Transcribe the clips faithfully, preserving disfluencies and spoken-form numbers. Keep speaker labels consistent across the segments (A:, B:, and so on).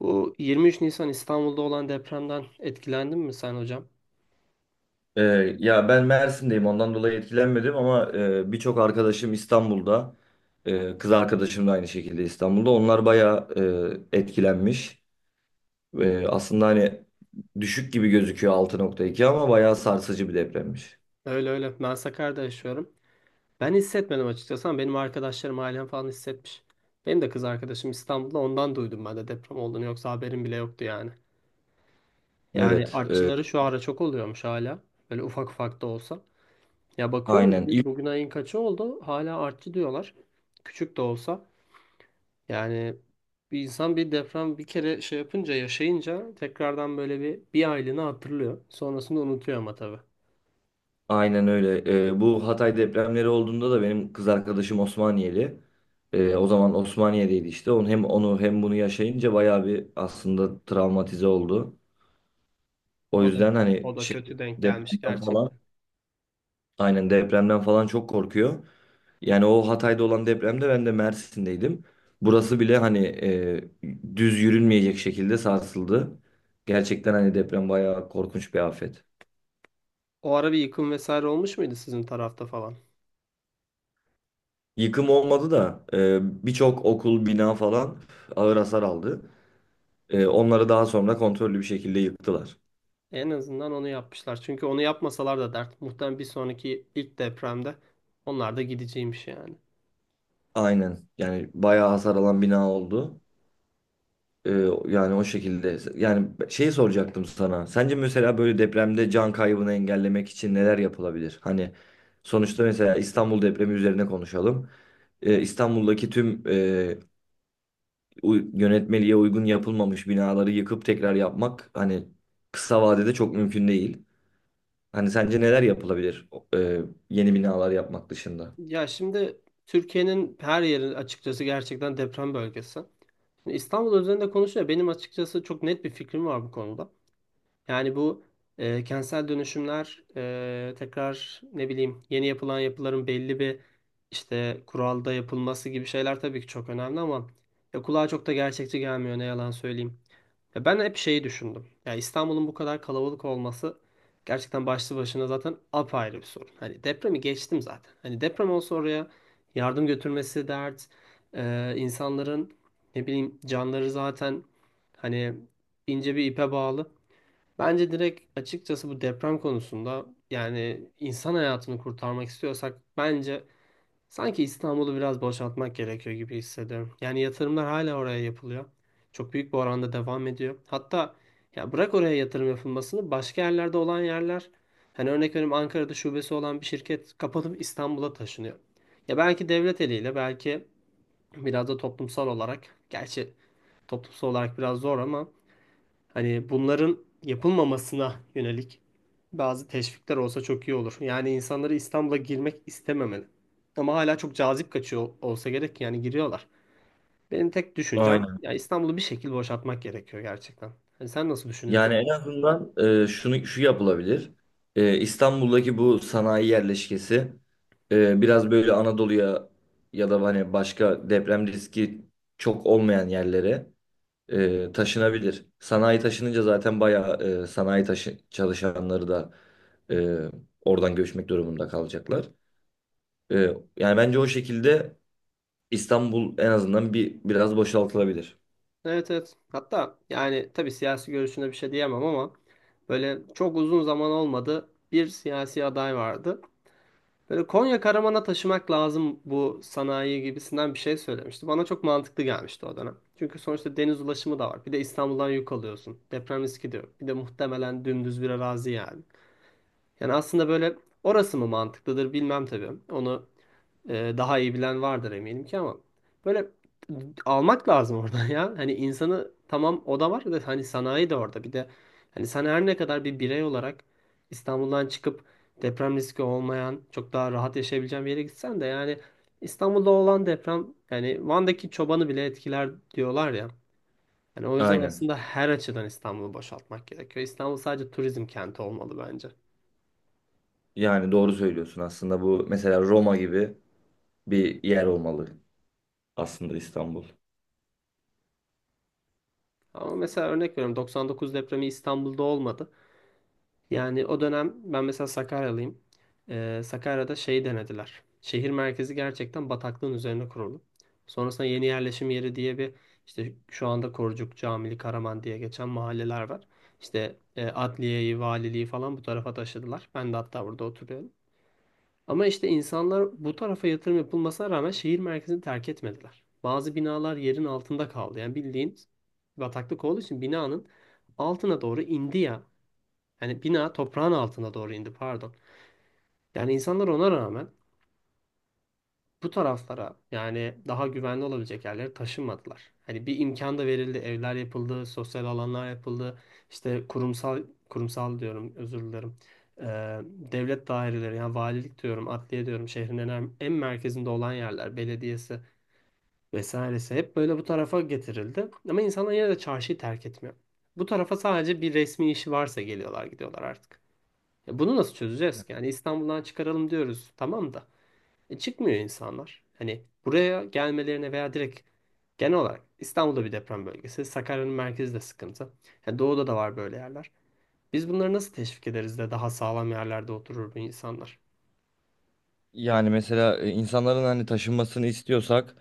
A: Bu yirmi üç Nisan İstanbul'da olan depremden etkilendin mi sen hocam?
B: Ee, ya ben Mersin'deyim ondan dolayı etkilenmedim ama e, birçok arkadaşım İstanbul'da. Ee, kız arkadaşım da aynı şekilde İstanbul'da. Onlar bayağı e, etkilenmiş. Ee, aslında hani düşük gibi gözüküyor altı nokta iki ama bayağı sarsıcı bir depremmiş.
A: Öyle öyle. Ben Sakarya'da yaşıyorum. Ben hissetmedim açıkçası ama benim arkadaşlarım, ailem falan hissetmiş. Benim de kız arkadaşım İstanbul'da, ondan duydum ben de deprem olduğunu. Yoksa haberim bile yoktu yani. Yani
B: Evet, e,
A: artçıları şu ara çok oluyormuş hala. Böyle ufak ufak da olsa. Ya bakıyorum
B: aynen
A: bugün,
B: ilk
A: bugün ayın kaçı oldu? Hala artçı diyorlar. Küçük de olsa. Yani bir insan bir deprem bir kere şey yapınca, yaşayınca tekrardan böyle bir bir aylığını hatırlıyor. Sonrasında unutuyor ama tabii.
B: aynen öyle. E, bu Hatay depremleri olduğunda da benim kız arkadaşım Osmaniyeli. E, o zaman Osmaniye'deydi işte. Onu hem onu hem bunu yaşayınca bayağı bir aslında travmatize oldu. O
A: O da
B: yüzden
A: o
B: hani
A: da
B: şey
A: kötü denk gelmiş
B: depremden falan
A: gerçekten.
B: aynen depremden falan çok korkuyor. Yani o Hatay'da olan depremde ben de Mersin'deydim. Burası bile hani e, düz yürünmeyecek şekilde sarsıldı. Gerçekten hani deprem bayağı korkunç bir afet.
A: O ara bir yıkım vesaire olmuş muydu sizin tarafta falan?
B: Yıkım olmadı da e, birçok okul, bina falan ağır hasar aldı. E, onları daha sonra kontrollü bir şekilde yıktılar.
A: En azından onu yapmışlar. Çünkü onu yapmasalar da dert. Muhtemelen bir sonraki ilk depremde onlar da gideceğiymiş yani.
B: Aynen, yani bayağı hasar alan bina oldu. Ee, Yani o şekilde. Yani şeyi soracaktım sana. Sence mesela böyle depremde can kaybını engellemek için neler yapılabilir? Hani sonuçta mesela İstanbul depremi üzerine konuşalım. Ee, İstanbul'daki tüm e, u- yönetmeliğe uygun yapılmamış binaları yıkıp tekrar yapmak hani kısa vadede çok mümkün değil. Hani sence neler yapılabilir e, yeni binalar yapmak dışında?
A: Ya şimdi Türkiye'nin her yeri açıkçası gerçekten deprem bölgesi. Şimdi İstanbul üzerinde konuşuyor. Benim açıkçası çok net bir fikrim var bu konuda. Yani bu e, kentsel dönüşümler, e, tekrar ne bileyim yeni yapılan yapıların belli bir işte kuralda yapılması gibi şeyler tabii ki çok önemli ama ya kulağa çok da gerçekçi gelmiyor, ne yalan söyleyeyim. Ya ben hep şeyi düşündüm. Ya İstanbul'un bu kadar kalabalık olması gerçekten başlı başına zaten apayrı bir sorun. Hani depremi geçtim zaten. Hani deprem olsa oraya yardım götürmesi dert. E, insanların ne bileyim canları zaten hani ince bir ipe bağlı. Bence direkt açıkçası bu deprem konusunda, yani insan hayatını kurtarmak istiyorsak, bence sanki İstanbul'u biraz boşaltmak gerekiyor gibi hissediyorum. Yani yatırımlar hala oraya yapılıyor. Çok büyük bir oranda devam ediyor. Hatta ya bırak oraya yatırım yapılmasını, başka yerlerde olan yerler, hani örnek veriyorum, Ankara'da şubesi olan bir şirket kapatıp İstanbul'a taşınıyor. Ya belki devlet eliyle, belki biraz da toplumsal olarak, gerçi toplumsal olarak biraz zor ama hani bunların yapılmamasına yönelik bazı teşvikler olsa çok iyi olur. Yani insanları İstanbul'a girmek istememeli. Ama hala çok cazip kaçıyor olsa gerek ki yani giriyorlar. Benim tek düşüncem ya İstanbul'u bir şekilde boşaltmak gerekiyor gerçekten. Hani sen nasıl düşünüyorsun?
B: Yani en azından e, şunu şu yapılabilir. E, İstanbul'daki bu sanayi yerleşkesi e, biraz böyle Anadolu'ya ya da hani başka deprem riski çok olmayan yerlere e, taşınabilir. Sanayi taşınınca zaten bayağı e, sanayi taşı çalışanları da e, oradan göçmek durumunda kalacaklar. E, Yani bence o şekilde İstanbul en azından bir biraz boşaltılabilir.
A: Evet evet. Hatta yani tabii siyasi görüşüne bir şey diyemem ama böyle çok uzun zaman olmadı, bir siyasi aday vardı. Böyle Konya Karaman'a taşımak lazım bu sanayi gibisinden bir şey söylemişti. Bana çok mantıklı gelmişti o dönem. Çünkü sonuçta deniz ulaşımı da var. Bir de İstanbul'dan yük alıyorsun. Deprem riski de yok. Bir de muhtemelen dümdüz bir arazi yani. Yani aslında böyle, orası mı mantıklıdır bilmem tabii. Onu e, daha iyi bilen vardır eminim ki, ama böyle almak lazım oradan ya. Hani insanı, tamam o da var da, hani sanayi de orada. Bir de hani sen her ne kadar bir birey olarak İstanbul'dan çıkıp deprem riski olmayan, çok daha rahat yaşayabileceğin bir yere gitsen de, yani İstanbul'da olan deprem yani Van'daki çobanı bile etkiler diyorlar ya. Yani o yüzden
B: Aynen.
A: aslında her açıdan İstanbul'u boşaltmak gerekiyor. İstanbul sadece turizm kenti olmalı bence.
B: Yani doğru söylüyorsun, aslında bu mesela Roma gibi bir yer olmalı aslında İstanbul.
A: Ama mesela örnek veriyorum, doksan dokuz depremi İstanbul'da olmadı. Yani o dönem ben mesela Sakaryalıyım. Ee, Sakarya'da şeyi denediler. Şehir merkezi gerçekten bataklığın üzerine kuruldu. Sonrasında yeni yerleşim yeri diye bir, işte şu anda Korucuk, Camili, Karaman diye geçen mahalleler var. İşte e, adliyeyi, valiliği falan bu tarafa taşıdılar. Ben de hatta burada oturuyorum. Ama işte insanlar bu tarafa yatırım yapılmasına rağmen şehir merkezini terk etmediler. Bazı binalar yerin altında kaldı. Yani bildiğin, bataklık olduğu için binanın altına doğru indi ya. Yani bina toprağın altına doğru indi, pardon. Yani insanlar ona rağmen bu taraflara, yani daha güvenli olabilecek yerlere taşınmadılar. Hani bir imkan da verildi, evler yapıldı, sosyal alanlar yapıldı. İşte kurumsal kurumsal diyorum, özür dilerim. Ee, Devlet daireleri yani, valilik diyorum, adliye diyorum, şehrin en, en merkezinde olan yerler, belediyesi vesairesi hep böyle bu tarafa getirildi. Ama insanlar yine de çarşıyı terk etmiyor. Bu tarafa sadece bir resmi işi varsa geliyorlar, gidiyorlar artık. Ya bunu nasıl çözeceğiz ki? Yani İstanbul'dan çıkaralım diyoruz, tamam da. E, çıkmıyor insanlar. Hani buraya gelmelerine veya direkt genel olarak, İstanbul'da bir deprem bölgesi, Sakarya'nın merkezi de sıkıntı. Yani doğuda da var böyle yerler. Biz bunları nasıl teşvik ederiz de daha sağlam yerlerde oturur bu insanlar?
B: Yani mesela e, insanların hani taşınmasını istiyorsak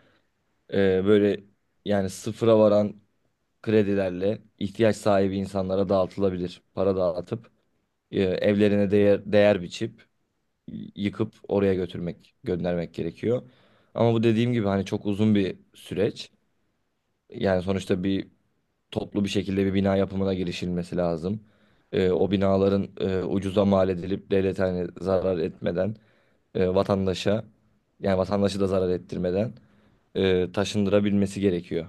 B: e, böyle yani sıfıra varan kredilerle ihtiyaç sahibi insanlara dağıtılabilir. Para dağıtıp e, evlerine değer, değer biçip y- yıkıp oraya götürmek, göndermek gerekiyor. Ama bu, dediğim gibi, hani çok uzun bir süreç. Yani sonuçta bir toplu bir şekilde bir bina yapımına girişilmesi lazım. Ee, o binaların e, ucuza mal edilip devlete hani zarar etmeden e, vatandaşa yani vatandaşı da zarar ettirmeden e, taşındırabilmesi gerekiyor.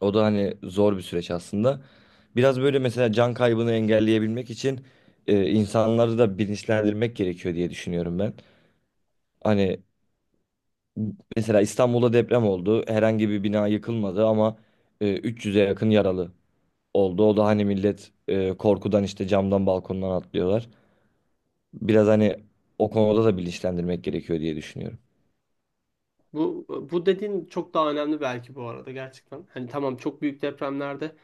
B: O da hani zor bir süreç aslında. Biraz böyle mesela can kaybını engelleyebilmek için e, insanları da bilinçlendirmek gerekiyor diye düşünüyorum ben. Hani mesela İstanbul'da deprem oldu. Herhangi bir bina yıkılmadı ama e, üç yüze yakın yaralı oldu. O da hani millet e, korkudan işte camdan balkondan atlıyorlar. Biraz hani o konuda da bilinçlendirmek gerekiyor diye düşünüyorum.
A: Bu bu dediğin çok daha önemli belki, bu arada, gerçekten. Hani tamam, çok büyük depremlerde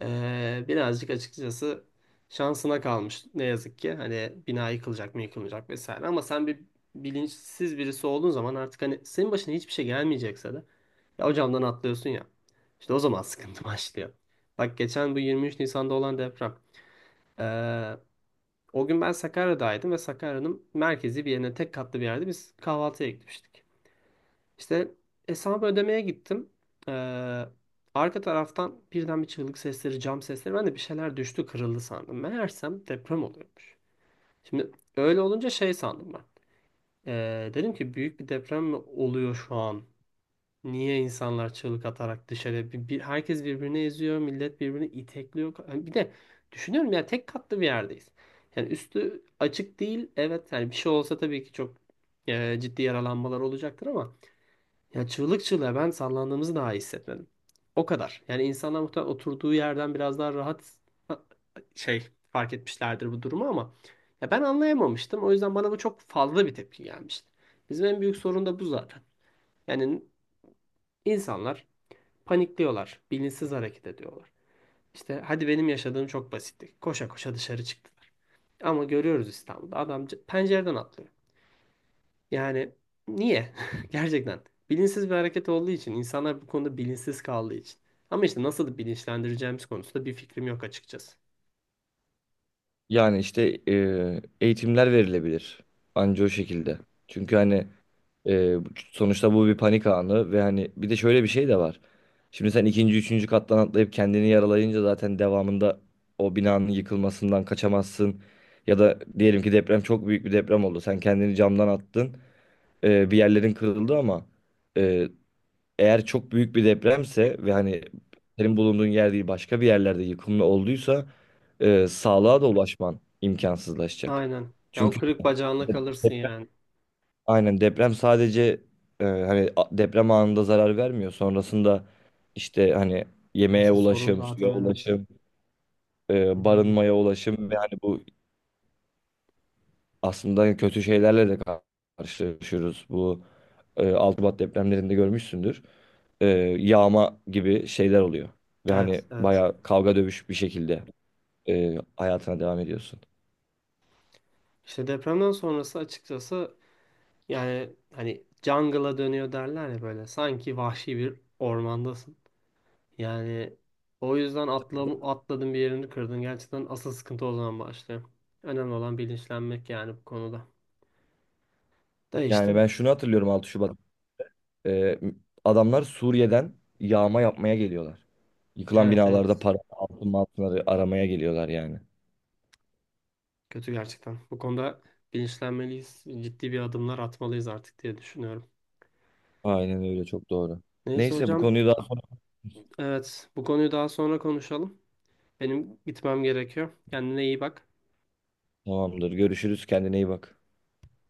A: eee, birazcık açıkçası şansına kalmış ne yazık ki. Hani bina yıkılacak mı, yıkılmayacak vesaire, ama sen bir bilinçsiz birisi olduğun zaman artık hani senin başına hiçbir şey gelmeyecekse de ya o camdan atlıyorsun ya. İşte o zaman sıkıntı başlıyor. Bak geçen bu yirmi üç Nisan'da olan deprem. Ee, O gün ben Sakarya'daydım ve Sakarya'nın merkezi bir yerine, tek katlı bir yerde biz kahvaltıya gitmiştik. İşte hesabı ödemeye gittim. Ee, Arka taraftan birden bir çığlık sesleri, cam sesleri. Ben de bir şeyler düştü, kırıldı sandım. Meğersem deprem oluyormuş. Şimdi öyle olunca şey sandım ben. Ee, dedim ki büyük bir deprem mi oluyor şu an? Niye insanlar çığlık atarak dışarıya bir, bir- herkes birbirini eziyor, millet birbirini itekliyor. Yani bir de düşünüyorum ya, tek katlı bir yerdeyiz. Yani üstü açık değil. Evet yani bir şey olsa tabii ki çok e, ciddi yaralanmalar olacaktır ama ya çığlık çığlığa, ben sallandığımızı daha iyi hissetmedim. O kadar. Yani insanlar muhtemelen oturduğu yerden biraz daha rahat, ha, şey fark etmişlerdir bu durumu, ama ya ben anlayamamıştım. O yüzden bana bu çok fazla bir tepki gelmişti. Bizim en büyük sorun da bu zaten. Yani insanlar panikliyorlar. Bilinçsiz hareket ediyorlar. İşte hadi benim yaşadığım çok basitti. Koşa koşa dışarı çıktılar. Ama görüyoruz, İstanbul'da adam c- pencereden atlıyor. Yani niye? Gerçekten. Bilinçsiz bir hareket olduğu için, insanlar bu konuda bilinçsiz kaldığı için. Ama işte nasıl bilinçlendireceğimiz konusunda bir fikrim yok açıkçası.
B: Yani işte e, eğitimler verilebilir. Anca o şekilde. Çünkü hani Ee, sonuçta bu bir panik anı ve hani bir de şöyle bir şey de var. Şimdi sen ikinci, üçüncü kattan atlayıp kendini yaralayınca zaten devamında o binanın yıkılmasından kaçamazsın. Ya da diyelim ki deprem çok büyük bir deprem oldu. Sen kendini camdan attın. Ee, bir yerlerin kırıldı ama e, eğer çok büyük bir depremse ve hani senin bulunduğun yer değil başka bir yerlerde yıkımlı olduysa e, sağlığa da ulaşman imkansızlaşacak.
A: Aynen. Ya o
B: Çünkü
A: kırık bacağınla kalırsın yani.
B: Aynen, deprem sadece e, hani a- deprem anında zarar vermiyor. Sonrasında işte hani yemeğe
A: Asıl sorun
B: ulaşım, suya
A: zaten, evet.
B: ulaşım, e,
A: Dediğin gibi.
B: barınmaya ulaşım ve hani bu aslında kötü şeylerle de kar- karşılaşıyoruz. Bu e, altı Şubat depremlerinde görmüşsündür. E, Yağma gibi şeyler oluyor. Ve hani
A: Evet, evet.
B: bayağı kavga dövüş bir şekilde e, hayatına devam ediyorsun.
A: İşte depremden sonrası açıkçası, yani hani jungle'a dönüyor derler ya böyle. Sanki vahşi bir ormandasın. Yani o yüzden atla, atladın, bir yerini kırdın. Gerçekten asıl sıkıntı o zaman başlıyor. Önemli olan bilinçlenmek yani bu konuda. Da
B: Yani
A: işte
B: ben şunu hatırlıyorum, altı Şubat. Ee, Adamlar Suriye'den yağma yapmaya geliyorlar. Yıkılan
A: evet,
B: binalarda
A: evet.
B: para, altın altınları aramaya geliyorlar yani.
A: Kötü gerçekten. Bu konuda bilinçlenmeliyiz. Ciddi bir adımlar atmalıyız artık diye düşünüyorum.
B: Aynen öyle, çok doğru.
A: Neyse
B: Neyse, bu
A: hocam.
B: konuyu daha sonra
A: Evet, bu konuyu daha sonra konuşalım. Benim gitmem gerekiyor. Kendine iyi bak.
B: tamamdır. Görüşürüz, kendine iyi bak.